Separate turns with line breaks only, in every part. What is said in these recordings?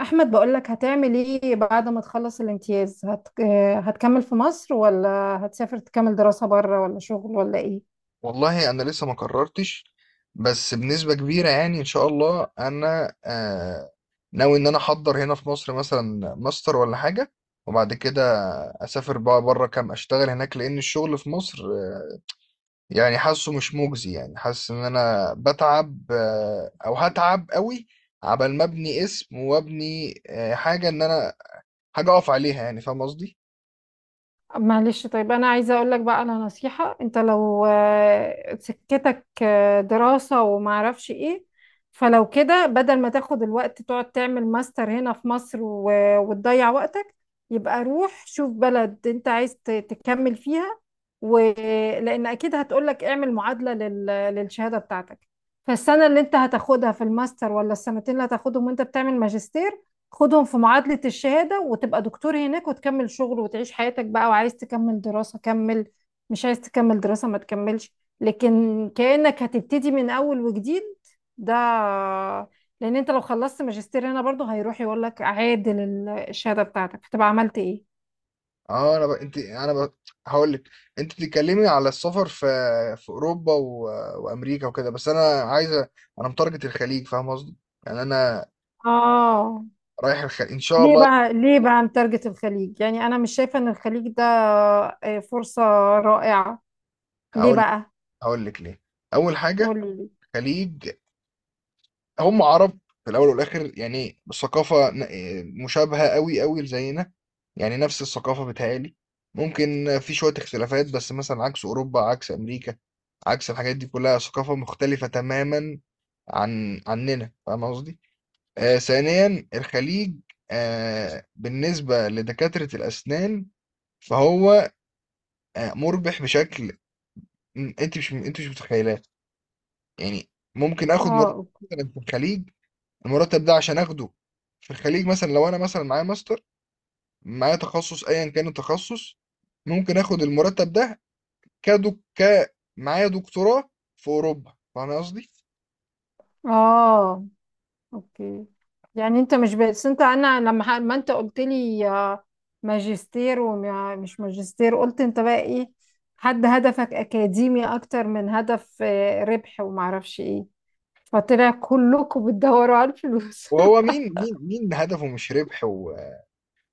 احمد، بقولك هتعمل ايه بعد ما تخلص الامتياز هت... آه، هتكمل في مصر ولا هتسافر تكمل دراسة بره ولا شغل ولا ايه؟
والله انا لسه ما قررتش، بس بنسبة كبيرة يعني ان شاء الله انا ناوي ان انا احضر هنا في مصر مثلا ماستر ولا حاجة، وبعد كده اسافر بقى بره كام اشتغل هناك لان الشغل في مصر يعني حاسه مش مجزي، يعني حاسس ان انا بتعب او هتعب قوي عبال ما ابني اسم وابني حاجة، ان انا حاجة اقف عليها، يعني فاهم قصدي.
معلش، طيب انا عايزه اقول لك بقى على نصيحه. انت لو سكتك دراسه وما اعرفش ايه، فلو كده بدل ما تاخد الوقت تقعد تعمل ماستر هنا في مصر وتضيع وقتك، يبقى روح شوف بلد انت عايز تكمل فيها، ولان اكيد هتقولك اعمل معادله للشهاده بتاعتك. فالسنه اللي انت هتاخدها في الماستر، ولا السنتين اللي هتاخدهم وانت بتعمل ماجستير، خدهم في معادلة الشهادة وتبقى دكتور هناك وتكمل شغل وتعيش حياتك بقى. وعايز تكمل دراسة كمل، مش عايز تكمل دراسة ما تكملش، لكن كأنك هتبتدي من أول وجديد. ده لأن أنت لو خلصت ماجستير هنا برضه هيروح يقول لك عادل الشهادة بتاعتك، فتبقى عملت إيه؟
اه انا ب... انت انا ب... هقول لك. انت بتتكلمي على السفر في اوروبا وامريكا وكده، بس انا متارجت الخليج، فاهم قصدي؟ يعني انا
آه.
رايح الخليج ان شاء
ليه
الله.
بقى، ليه بقى متارجت الخليج؟ يعني أنا مش شايفة إن الخليج ده فرصة رائعة. ليه
هقول
بقى؟
هقول لك ليه. اول حاجه،
قولي لي.
خليج هم عرب في الاول والاخر، يعني الثقافه مشابهه قوي قوي زينا، يعني نفس الثقافه بتهيألي. ممكن في شويه اختلافات، بس مثلا عكس اوروبا، عكس امريكا، عكس الحاجات دي كلها ثقافه مختلفه تماما عننا، فاهم قصدي. ثانيا، الخليج بالنسبة لدكاترة الأسنان فهو مربح بشكل أنت مش متخيلاه، يعني. ممكن آخد
آه،
مرتب
أوكي.
مثلا في الخليج، المرتب ده عشان آخده في الخليج مثلا لو أنا مثلا معايا ماستر، معايا تخصص أيا كان التخصص، ممكن آخد المرتب ده كدك ك معايا دكتوراه في أوروبا، فاهم قصدي؟
آه، اوكي. يعني انت مش بس، انت انا لما ما انت قلت لي ماجستير ومش ماجستير، قلت انت بقى ايه، حد هدفك اكاديمي اكتر من هدف ربح وما اعرفش ايه، فطلع كلكم بتدوروا على الفلوس.
وهو مين هدفه مش ربح و...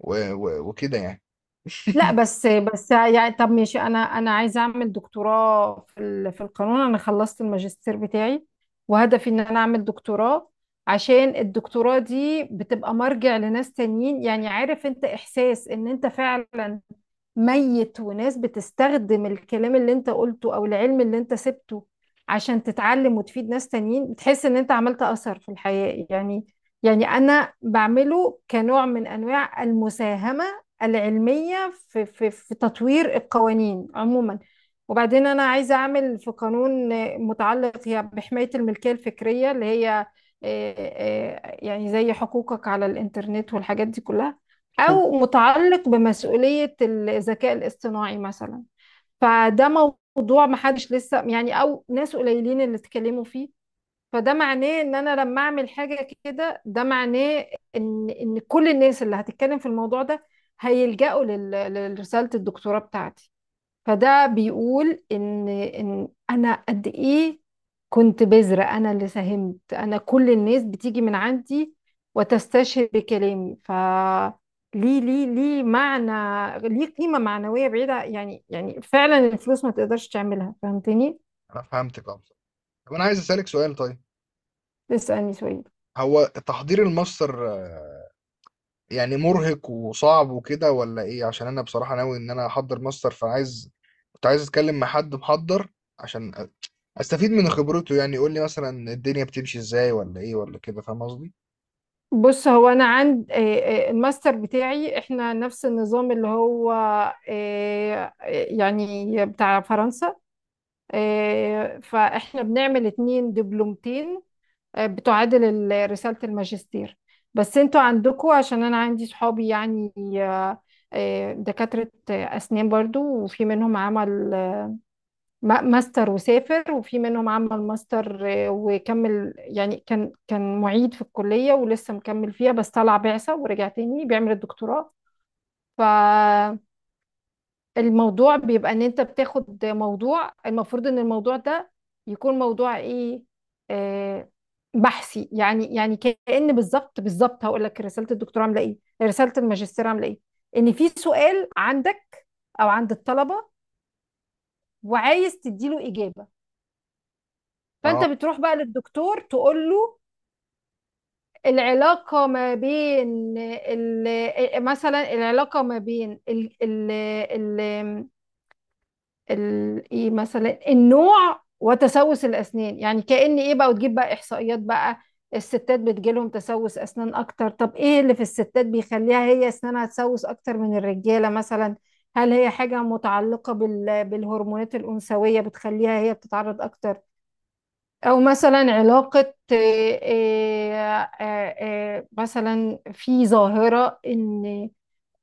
و... و... وكده يعني.
لا، بس يعني طب ماشي، انا عايزه اعمل دكتوراه في القانون. انا خلصت الماجستير بتاعي وهدفي ان انا اعمل دكتوراه، عشان الدكتوراه دي بتبقى مرجع لناس تانيين. يعني عارف انت احساس ان انت فعلا ميت وناس بتستخدم الكلام اللي انت قلته او العلم اللي انت سبته عشان تتعلم وتفيد ناس تانيين، بتحس ان انت عملت اثر في الحياة يعني. يعني انا بعمله كنوع من انواع المساهمة العلمية في تطوير القوانين عموما. وبعدين انا عايزة اعمل في قانون متعلق هي بحماية الملكية الفكرية، اللي هي يعني زي حقوقك على الانترنت والحاجات دي كلها،
خب
أو متعلق بمسؤولية الذكاء الاصطناعي مثلا. فده موضوع محدش لسه يعني، أو ناس قليلين اللي اتكلموا فيه. فده معناه إن أنا لما أعمل حاجة كده، ده معناه إن كل الناس اللي هتتكلم في الموضوع ده هيلجأوا لرسالة الدكتوراه بتاعتي. فده بيقول ان انا قد ايه كنت بذرة، انا اللي ساهمت، انا كل الناس بتيجي من عندي وتستشهد بكلامي. ليه معنى، ليه قيمة معنوية بعيدة يعني فعلا الفلوس ما تقدرش تعملها، فهمتني؟
أنا فهمتك، أه. طب انا عايز اسالك سؤال، طيب.
اسألني سؤال.
هو تحضير الماستر يعني مرهق وصعب وكده ولا ايه؟ عشان انا بصراحه ناوي ان انا احضر ماستر، كنت عايز اتكلم مع حد محضر عشان استفيد من خبرته، يعني يقول لي مثلا الدنيا بتمشي ازاي ولا ايه ولا كده، فاهم قصدي؟
بص، هو انا عند الماستر بتاعي احنا نفس النظام، اللي هو يعني بتاع فرنسا. فاحنا بنعمل اتنين دبلومتين بتعادل رسالة الماجستير. بس انتوا عندكوا، عشان انا عندي صحابي يعني آه، دكاترة اسنان برضو، وفي منهم عمل ماستر وسافر، وفي منهم عمل ماستر وكمل. يعني كان معيد في الكلية ولسه مكمل فيها، بس طلع بعثة ورجع تاني بيعمل الدكتوراه. ف الموضوع بيبقى ان انت بتاخد موضوع، المفروض ان الموضوع ده يكون موضوع ايه، آه بحثي. يعني كأن بالظبط بالظبط هقول لك: رسالة الدكتوراه عاملة ايه، رسالة الماجستير عاملة ايه؟ ان في سؤال عندك او عند الطلبة وعايز تديله إجابة، فانت
اه
بتروح بقى للدكتور تقول له: العلاقة ما بين مثلا العلاقة ما بين ال ايه مثلا، النوع وتسوس الاسنان، يعني كأن ايه بقى، وتجيب بقى احصائيات بقى. الستات بتجيلهم تسوس اسنان اكتر، طب ايه اللي في الستات بيخليها هي اسنانها تسوس اكتر من الرجاله مثلا؟ هل هي حاجه متعلقه بالهرمونات الانثويه بتخليها هي بتتعرض اكتر، او مثلا علاقه إيه مثلا في ظاهره ان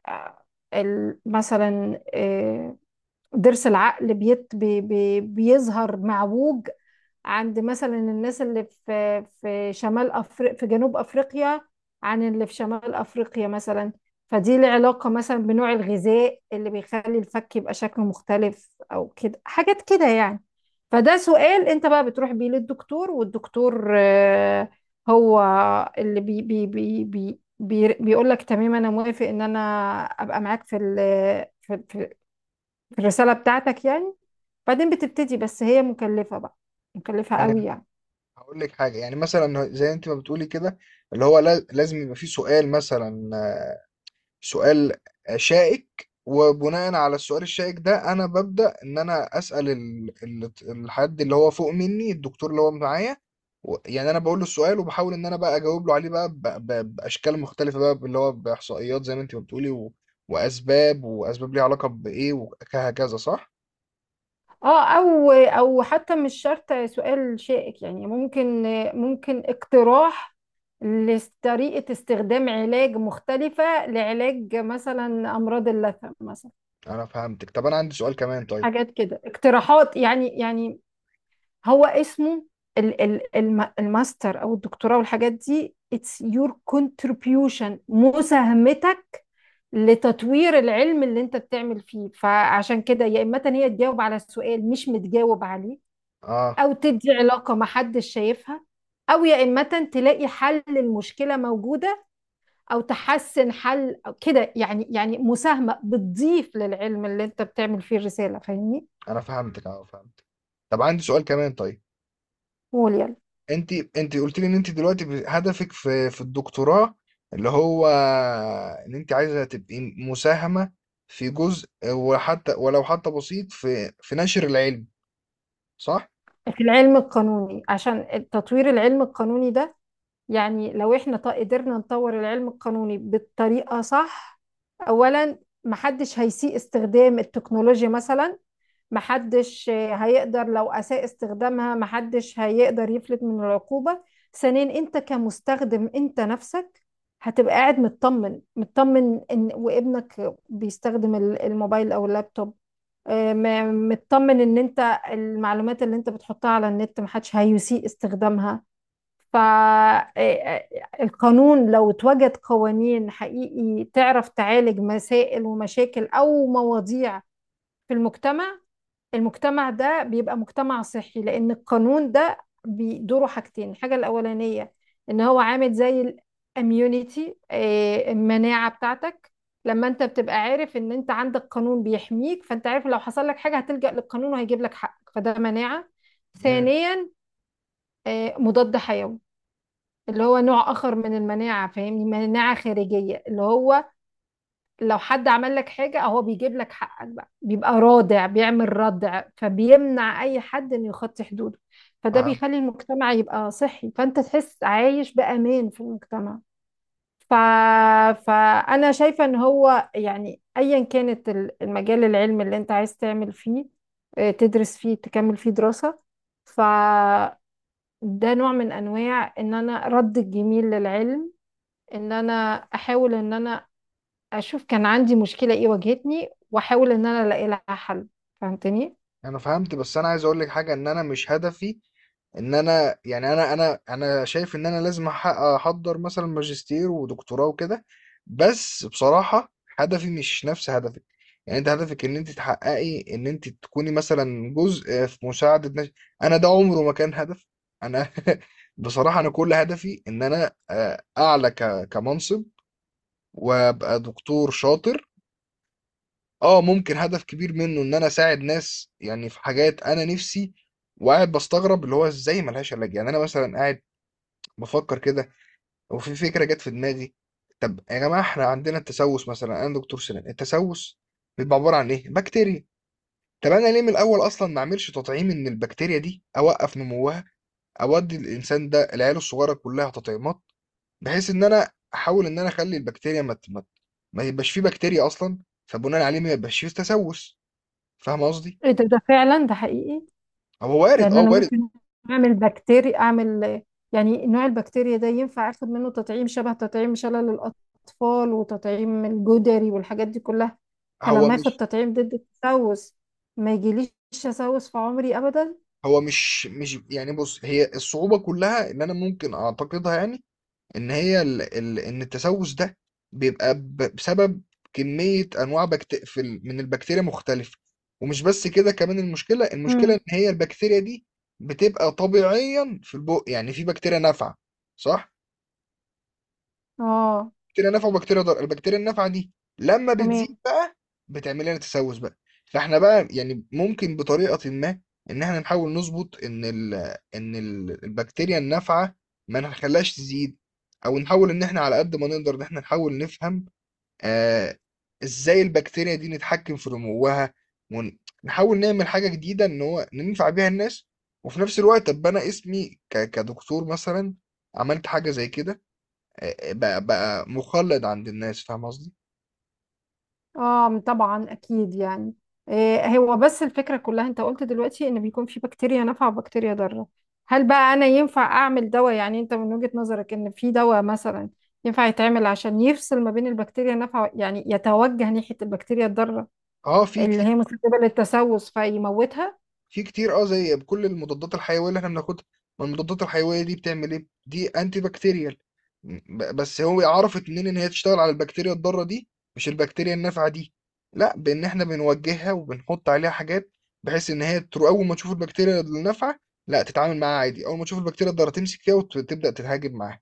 آه، مثلا ضرس العقل بيت بي بي بيظهر معوج عند مثلا الناس اللي في شمال أفريقيا، في جنوب أفريقيا، عن اللي في شمال أفريقيا مثلا. فدي العلاقة مثلا بنوع الغذاء اللي بيخلي الفك يبقى شكله مختلف أو كده، حاجات كده يعني. فده سؤال أنت بقى بتروح بيه للدكتور، والدكتور هو اللي بي بي بي بي بيقول لك: تمام، أنا موافق إن أنا أبقى معاك في في الرسالة بتاعتك يعني. بعدين بتبتدي، بس هي مكلفة بقى، مكلفة قوي
يعني
يعني.
هقول لك حاجه، يعني مثلا زي انت ما بتقولي كده، اللي هو لازم يبقى في سؤال، مثلا سؤال شائك، وبناء على السؤال الشائك ده انا ببدأ ان انا اسأل الحد اللي هو فوق مني، الدكتور اللي هو معايا. يعني انا بقول له السؤال، وبحاول ان انا بقى اجاوب له عليه بقى باشكال مختلفة، بقى اللي هو باحصائيات زي ما انت بتقولي واسباب ليها علاقة بايه وهكذا، صح؟
اه، او حتى مش شرط سؤال شائك يعني، ممكن اقتراح لطريقة استخدام علاج مختلفة لعلاج مثلا أمراض اللثة مثلا.
انا فهمتك. طب انا عندي سؤال كمان، طيب.
حاجات كده، اقتراحات يعني هو اسمه الماستر أو الدكتوراه والحاجات دي it's your contribution، مساهمتك لتطوير العلم اللي انت بتعمل فيه. فعشان كده، يا اما هي تجاوب على سؤال مش متجاوب عليه،
اه
او تدي علاقة ما حدش شايفها، او يا اما تلاقي حل للمشكلة موجودة، او تحسن حل أو كده يعني. يعني مساهمة بتضيف للعلم اللي انت بتعمل فيه الرسالة، فاهمني؟
انا فهمتك. طب عندي سؤال كمان، طيب.
قول يلا.
انت قلت لي ان انت دلوقتي هدفك في الدكتوراه اللي هو ان انت عايزه تبقي مساهمه في جزء، وحتى ولو حتى بسيط في نشر العلم، صح؟
في العلم القانوني، عشان تطوير العلم القانوني ده. يعني لو احنا قدرنا نطور العلم القانوني بالطريقة صح. اولا، محدش هيسيء استخدام التكنولوجيا مثلا، محدش هيقدر، لو اساء استخدامها محدش هيقدر يفلت من العقوبة. ثانيا، انت كمستخدم انت نفسك هتبقى قاعد مطمن، مطمن ان وابنك بيستخدم الموبايل او اللابتوب، مطمن ان انت المعلومات اللي انت بتحطها على النت محدش هيسيء استخدامها. فالقانون لو اتوجد قوانين حقيقي تعرف تعالج مسائل ومشاكل أو مواضيع في المجتمع، المجتمع ده بيبقى مجتمع صحي، لأن القانون ده بيدوره حاجتين. الحاجة الأولانية إن هو عامل زي الاميونيتي، المناعة بتاعتك. لما انت بتبقى عارف ان انت عندك قانون بيحميك، فانت عارف لو حصل لك حاجة هتلجأ للقانون وهيجيب لك حقك، فده مناعة.
امم.
ثانيا، مضاد حيوي اللي هو نوع اخر من المناعه، فاهمني؟ مناعه خارجيه، اللي هو لو حد عمل لك حاجه اهو بيجيب لك حقك بقى، بيبقى رادع، بيعمل ردع، فبيمنع اي حد انه يخطي حدوده، فده
فهمت
بيخلي المجتمع يبقى صحي، فانت تحس عايش بامان في المجتمع. ف... فانا شايفه ان هو يعني ايا كانت المجال العلمي اللي انت عايز تعمل فيه تدرس فيه، تكمل فيه دراسه، ف ده نوع من انواع ان انا رد الجميل للعلم. ان انا احاول ان انا اشوف كان عندي مشكلة ايه واجهتني، واحاول ان انا الاقي لها حل. فهمتني؟
انا فهمت، بس انا عايز اقول لك حاجه، ان انا مش هدفي ان انا يعني انا شايف ان انا لازم احضر مثلا ماجستير ودكتوراه وكده، بس بصراحة هدفي مش نفس هدفك. يعني انت هدفك ان انت تحققي ان انت تكوني مثلا جزء في مساعدة ناس، انا ده عمره ما كان هدف. انا بصراحة انا كل هدفي ان انا اعلى كمنصب وابقى دكتور شاطر. اه ممكن هدف كبير منه ان انا اساعد ناس، يعني في حاجات انا نفسي وقاعد بستغرب اللي هو ازاي ملهاش علاج، يعني انا مثلا قاعد بفكر كده، وفي فكرة جت في دماغي. طب يا جماعة، احنا عندنا التسوس، مثلا انا دكتور سنان، التسوس بيبقى عبارة عن ايه؟ بكتيريا. طب انا ليه من الاول اصلا ما اعملش تطعيم، ان البكتيريا دي اوقف نموها، اودي الانسان ده، العيال الصغيرة كلها تطعيمات، بحيث ان انا احاول ان انا اخلي البكتيريا ما يبقاش فيه بكتيريا اصلا، فبناء عليه ما يبقاش فيه تسوس، فاهم قصدي؟
ايه ده فعلا، ده حقيقي.
هو وارد،
يعني
اه،
انا
وارد.
ممكن اعمل بكتيريا، اعمل يعني نوع البكتيريا ده ينفع اخد منه تطعيم، شبه تطعيم شلل الاطفال وتطعيم الجدري والحاجات دي كلها،
هو
فلما اخد
مش
تطعيم ضد التسوس ما يجيليش تسوس في عمري ابدا.
هو مش يعني، بص هي الصعوبة كلها ان انا ممكن اعتقدها، يعني ان هي ان التسوس ده بيبقى بسبب كمية انواع من البكتيريا مختلفة، ومش بس كده كمان المشكلة
مم.
ان هي البكتيريا دي بتبقى طبيعيا في البق، يعني في بكتيريا نافعة، صح.
اه،
بكتيريا نافعه وبكتيريا ضاره، البكتيريا النافعه دي لما بتزيد
تمام.
بقى بتعمل لنا تسوس بقى. فاحنا بقى يعني ممكن بطريقه ما، ان احنا نحاول نظبط ان ال البكتيريا النافعه ما نخليهاش تزيد، او نحاول ان احنا على قد ما نقدر ان احنا نحاول نفهم آه ازاي البكتيريا دي نتحكم في نموها، ونحاول نعمل حاجه جديده ان هو ننفع بيها الناس، وفي نفس الوقت ابقى انا اسمي كدكتور، مثلا عملت حاجه زي كده، بقى مخلد عند الناس، فاهم قصدي.
اه، طبعا اكيد يعني. إيه هو، بس الفكره كلها انت قلت دلوقتي ان بيكون في بكتيريا نافعه وبكتيريا ضاره. هل بقى انا ينفع اعمل دواء، يعني انت من وجهه نظرك ان في دواء مثلا ينفع يتعمل عشان يفصل ما بين البكتيريا النافعه، يعني يتوجه ناحيه البكتيريا الضاره
اه في
اللي
كتير
هي مسببه للتسوس فيموتها؟
في كتير زي بكل المضادات الحيويه اللي احنا بناخدها. ما المضادات الحيويه دي بتعمل ايه؟ دي انتي بكتيريال. بس هو عرفت منين ان هي تشتغل على البكتيريا الضاره دي مش البكتيريا النافعه دي؟ لا، بان احنا بنوجهها وبنحط عليها حاجات بحيث ان هي اول ما تشوف البكتيريا النافعه لا تتعامل معاها عادي، اول ما تشوف البكتيريا الضاره تمسك فيها وتبدا تتهاجم معاها،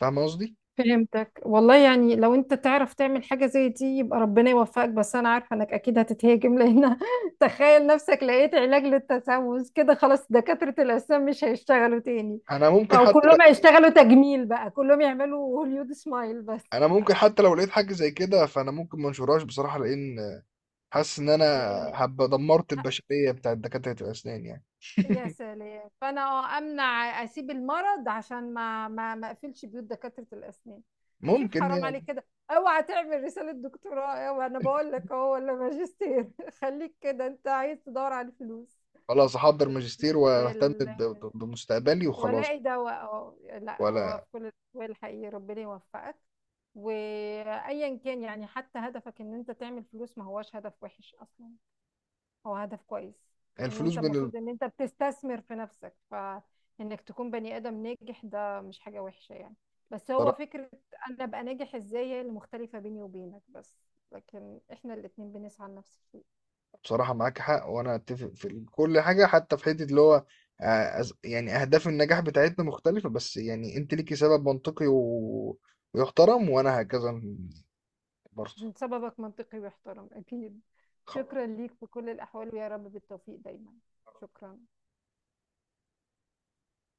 فاهم قصدي.
فهمتك والله. يعني لو انت تعرف تعمل حاجة زي دي يبقى ربنا يوفقك، بس انا عارفة انك اكيد هتتهاجم لان تخيل نفسك لقيت علاج للتسوس كده، خلاص دكاترة الأسنان مش هيشتغلوا تاني،
انا ممكن
او
حتى ل-
كلهم هيشتغلوا تجميل بقى، كلهم يعملوا هوليود سمايل بس.
انا ممكن حتى لو لقيت حاجه زي كده فانا ممكن ما انشرهاش بصراحه، لان حاسس ان انا
لان
هبقى دمرت البشريه بتاعت دكاتره الاسنان يعني.
يا سلام، فانا امنع، اسيب المرض عشان ما اقفلش بيوت دكاتره الاسنان. يا شيخ
ممكن
حرام
يعني.
عليك كده، اوعى تعمل رساله دكتوراه، اوعى، انا بقول لك اهو، ولا ماجستير خليك كده، انت عايز تدور على الفلوس.
خلاص، احضر ماجستير واهتم
وال...
بمستقبلي وخلاص.
ولاقي دواء، اه. لا، هو
ولا
في كل الاحوال حقيقي ربنا يوفقك، وايا كان يعني حتى هدفك ان انت تعمل فلوس ما هوش هدف وحش اصلا، هو هدف كويس. ان
الفلوس
انت المفروض ان انت بتستثمر في نفسك فانك تكون بني ادم ناجح، ده مش حاجة وحشة يعني. بس هو
بصراحه،
فكرة انا ابقى ناجح ازاي هي اللي مختلفة بيني وبينك بس، لكن احنا الاتنين بنسعى لنفس الشيء.
بصراحة معاك حق، وانا اتفق في كل حاجه، حتى في حته اللي هو يعني اهداف النجاح بتاعتنا مختلفه بس، يعني انت ليكي سبب منطقي ويحترم، وانا هكذا برضه،
سببك منطقي ويحترم اكيد.
خلاص.
شكرا ليك في كل الاحوال، ويا رب بالتوفيق دايما. شكرا.